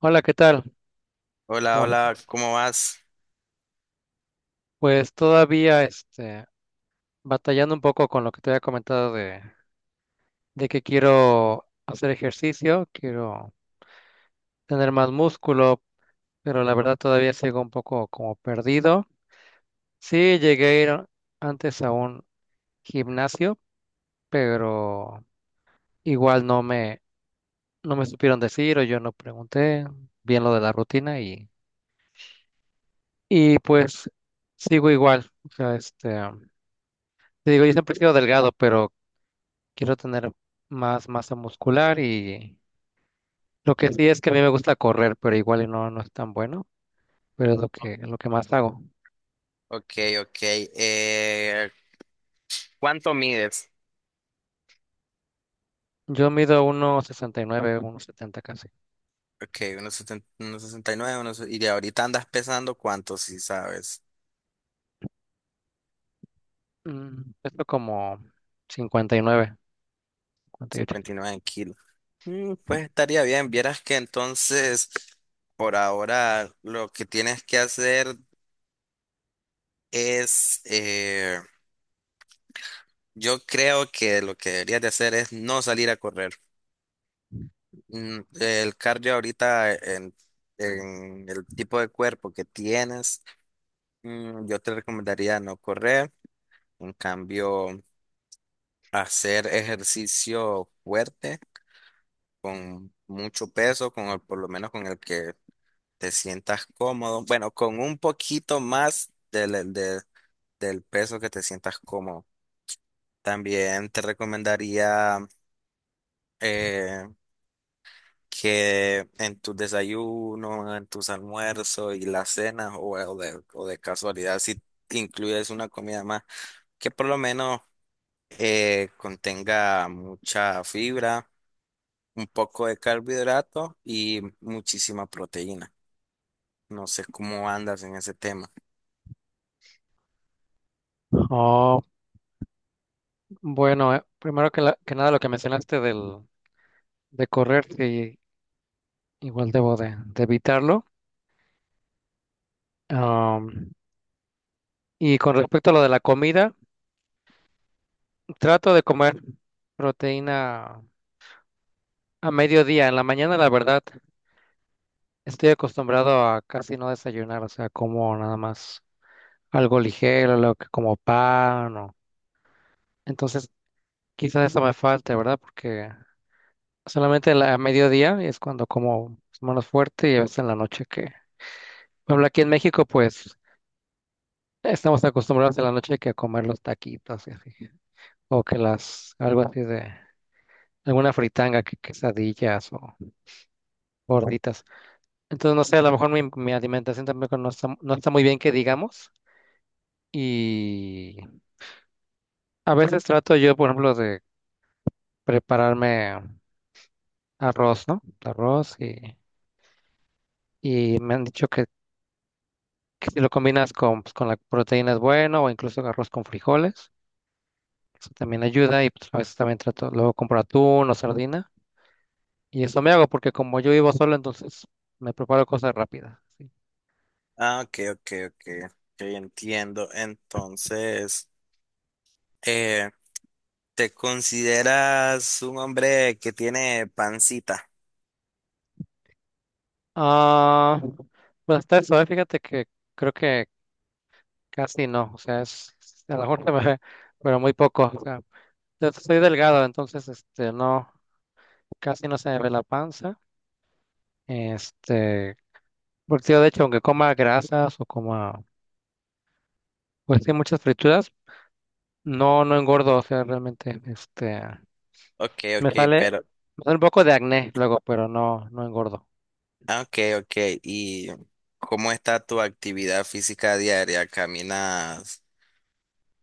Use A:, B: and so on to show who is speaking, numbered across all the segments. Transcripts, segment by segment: A: Hola, ¿qué tal?
B: Hola,
A: ¿Cómo andas?
B: hola, ¿cómo vas?
A: Pues todavía batallando un poco con lo que te había comentado de que quiero hacer ejercicio, quiero tener más músculo, pero la verdad todavía sigo un poco como perdido. Sí, llegué a ir antes a un gimnasio, pero igual no me supieron decir o yo no pregunté bien lo de la rutina y pues sigo igual. O sea, te digo, yo siempre he sido delgado, pero quiero tener más masa muscular y lo que sí es que a mí me gusta correr, pero igual y no es tan bueno, pero es lo que más hago.
B: Ok, ok. ¿Cuánto mides?
A: Yo mido uno sesenta y nueve uno setenta casi.
B: Ok, unos 69 unos, y de ahorita andas pesando cuánto, si sabes,
A: Esto como 59, 58.
B: 59 kilos. Mm, pues estaría bien, vieras que entonces, por ahora, lo que tienes que hacer es, yo creo que lo que deberías de hacer es no salir a correr. Mm, el cardio ahorita en el tipo de cuerpo que tienes. Mm, yo te recomendaría no correr, en cambio, hacer ejercicio fuerte, con mucho peso, por lo menos con el que te sientas cómodo. Bueno, con un poquito más del peso que te sientas cómodo. También te recomendaría eh, que en tus desayunos, en tus almuerzos y las cenas, o de casualidad, si incluyes una comida más, que por lo menos, contenga mucha fibra, un poco de carbohidrato y muchísima proteína. No sé cómo andas en ese tema.
A: Oh, bueno, primero que nada lo que mencionaste de correr, sí, igual debo de evitarlo. Am, y con respecto a lo de la comida, trato de comer proteína a mediodía. En la mañana, la verdad, estoy acostumbrado a casi no desayunar, o sea, como nada más algo ligero, lo que como pan o... Entonces, quizás eso me falte, ¿verdad? Porque solamente a mediodía es cuando como menos fuerte y a veces en la noche que... Por ejemplo, aquí en México, pues, estamos acostumbrados en la noche que a comer los taquitos y así. O que las, algo así de, alguna fritanga, que quesadillas o gorditas. Entonces, no sé, a lo mejor mi alimentación tampoco no está muy bien que digamos. Y. A veces trato yo, por ejemplo, de prepararme arroz, ¿no? Arroz y me han dicho que si lo combinas con, pues, con la proteína es bueno o incluso arroz con frijoles. Eso también ayuda y pues, a veces también trato, luego compro atún o sardina y eso me hago porque como yo vivo solo, entonces me preparo cosas rápidas. ¿Sí?
B: Ah, ok, ok, ok. Ok, entiendo. Entonces, eh, ¿te consideras un hombre que tiene pancita?
A: Ah, pues hasta eso, ¿eh? Fíjate que creo que casi no, o sea, a lo mejor se me ve, pero muy poco. O sea, yo soy delgado, entonces no. Casi no se me ve la panza. Este, porque yo de hecho, aunque coma grasas o coma, pues sí, muchas frituras, no engordo, o sea, realmente,
B: Ok,
A: me
B: ok,
A: sale,
B: pero,
A: me sale un poco de acné luego, pero no engordo.
B: ah, ok, ok. ¿Y cómo está tu actividad física diaria? ¿Caminas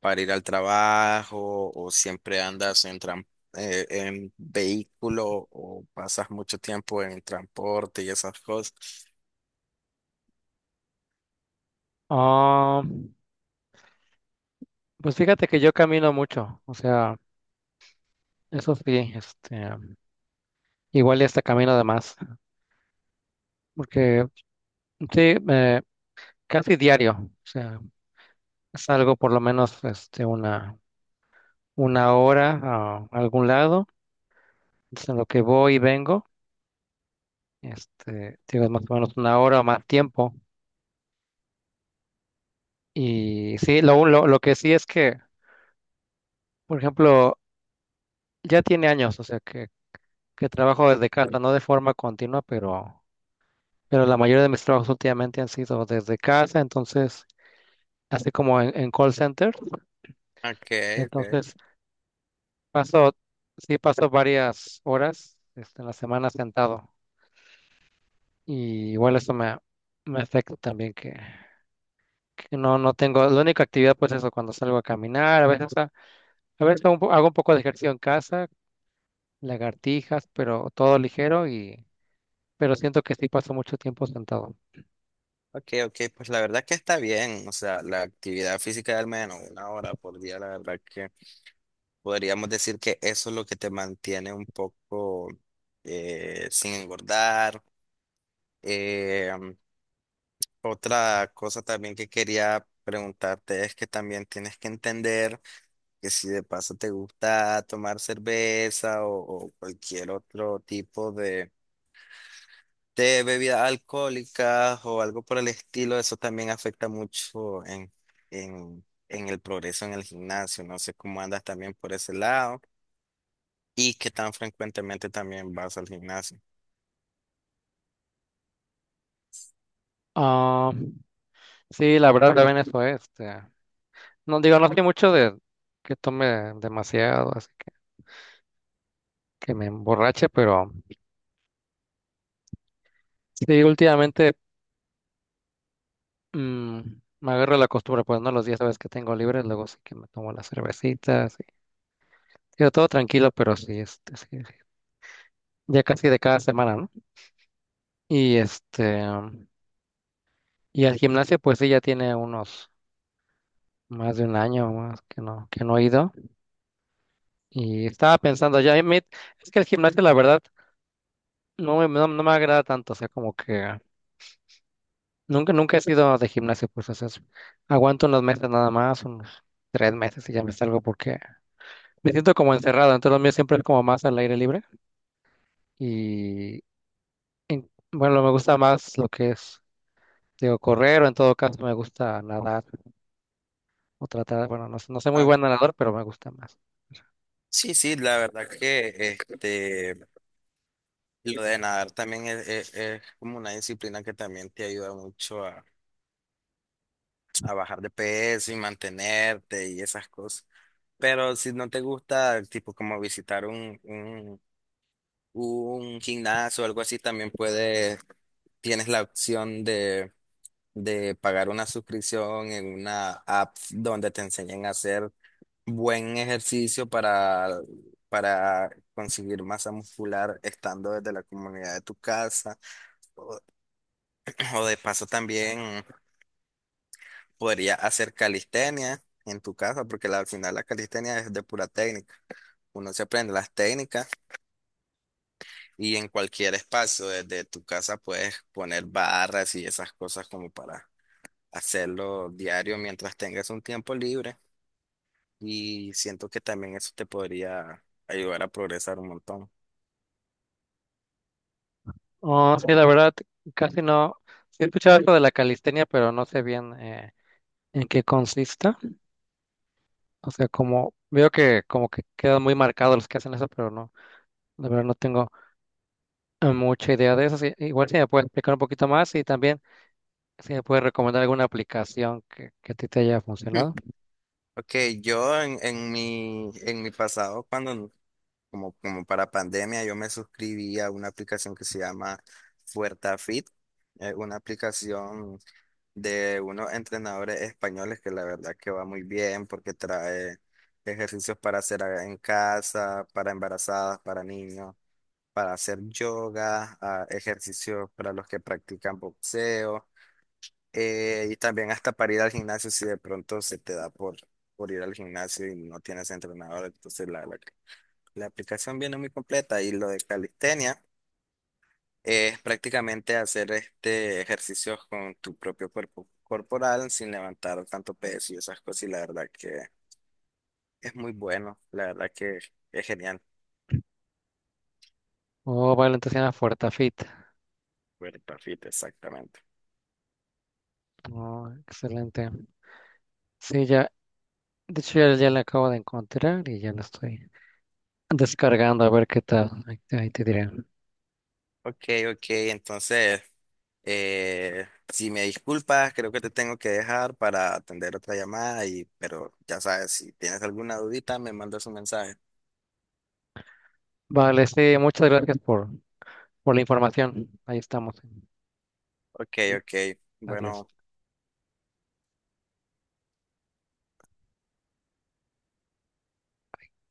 B: para ir al trabajo o siempre andas en vehículo o pasas mucho tiempo en transporte y esas cosas?
A: Ah, pues fíjate que yo camino mucho, o sea, eso sí, igual y hasta camino además, porque sí, casi diario, o sea, salgo por lo menos, una hora a algún lado, entonces, en lo que voy y vengo. Digo, es más o menos una hora o más tiempo. Y sí, lo que sí es que, por ejemplo, ya tiene años, o sea, que trabajo desde casa, no de forma continua, pero la mayoría de mis trabajos últimamente han sido desde casa, entonces, así como en call center,
B: Okay, okay.
A: entonces paso, sí paso varias horas, en la semana sentado. Y igual eso me afecta también que no tengo, la única actividad pues eso, cuando salgo a caminar. A veces hago un poco de ejercicio en casa, lagartijas, pero todo ligero pero siento que sí paso mucho tiempo sentado.
B: Okay, okay, pues la verdad que está bien, o sea, la actividad física de al menos una hora por día, la verdad que podríamos decir que eso es lo que te mantiene un poco sin engordar. Eh, Otra cosa también que quería preguntarte es que también tienes que entender que si de paso te gusta tomar cerveza o cualquier otro tipo de bebidas alcohólicas o algo por el estilo, eso también afecta mucho en el progreso en el gimnasio. No sé cómo andas también por ese lado y qué tan frecuentemente también vas al gimnasio.
A: Ah, sí, la verdad también eso es. No digo, no soy mucho de que tome demasiado, así que me emborrache, pero sí, últimamente mm, me agarro la costumbre, pues no, los días sabes que tengo libres, luego sí que me tomo las cervecitas, y, digo, todo tranquilo, pero sí, sí, sí, ya casi de cada semana, ¿no? Y este, y al gimnasio, pues sí, ya tiene unos más de un año más que no he ido. Y estaba pensando, ya, es que el gimnasio, la verdad, no me agrada tanto. O sea, como que nunca, nunca he sido de gimnasio, pues, o sea, aguanto unos meses nada más, unos tres meses y ya me salgo porque me siento como encerrado. Entonces, lo mío siempre es como más al aire libre. Y bueno, me gusta más lo que es, digo, correr o en todo caso me gusta nadar o tratar, bueno, no soy muy
B: Ah,
A: buen nadador, pero me gusta más.
B: sí, sí, la verdad que este, lo de nadar también es como una disciplina que también te ayuda mucho a bajar de peso y mantenerte y esas cosas. Pero si no te gusta, tipo como visitar un gimnasio o algo así, también puedes, tienes la opción de pagar una suscripción en una app donde te enseñen a hacer buen ejercicio para conseguir masa muscular estando desde la comunidad de tu casa. O, o de paso también. Podría hacer calistenia en tu casa, porque al final la calistenia es de pura técnica. Uno se aprende las técnicas y en cualquier espacio desde tu casa puedes poner barras y esas cosas como para hacerlo diario mientras tengas un tiempo libre. Y siento que también eso te podría ayudar a progresar un montón.
A: Oh, sí, la verdad, casi no. Sí he escuchado algo de la calistenia, pero no sé bien en qué consista. O sea, como veo que como que quedan muy marcados los que hacen eso, pero no, la verdad no tengo mucha idea de eso. Sí, igual si me puedes explicar un poquito más y también si me puedes recomendar alguna aplicación que a ti te haya funcionado.
B: Ok, yo en mi pasado, cuando como para pandemia, yo me suscribí a una aplicación que se llama FuertaFit, una aplicación de unos entrenadores españoles que la verdad que va muy bien porque trae ejercicios para hacer en casa, para embarazadas, para niños, para hacer yoga, ah, ejercicios para los que practican boxeo, y también hasta para ir al gimnasio si de pronto se te da por ir al gimnasio y no tienes entrenador, entonces la verdad la aplicación viene muy completa y lo de calistenia es prácticamente hacer este ejercicios con tu propio cuerpo corporal sin levantar tanto peso y esas cosas. Y la verdad que es muy bueno, la verdad que es genial.
A: Oh, vale, entonces se llama FortaFit.
B: Cuerpo fit, exactamente.
A: Oh, excelente. Sí, ya, de hecho ya la acabo de encontrar y ya la estoy descargando a ver qué tal. Ahí te diré.
B: Ok, ok, entonces, si me disculpas, creo que te tengo que dejar para atender otra llamada, y, pero ya sabes, si tienes alguna dudita, me mandas un mensaje.
A: Vale, sí, muchas gracias por la información. Ahí estamos.
B: Ok,
A: Sí,
B: ok,
A: adiós.
B: bueno.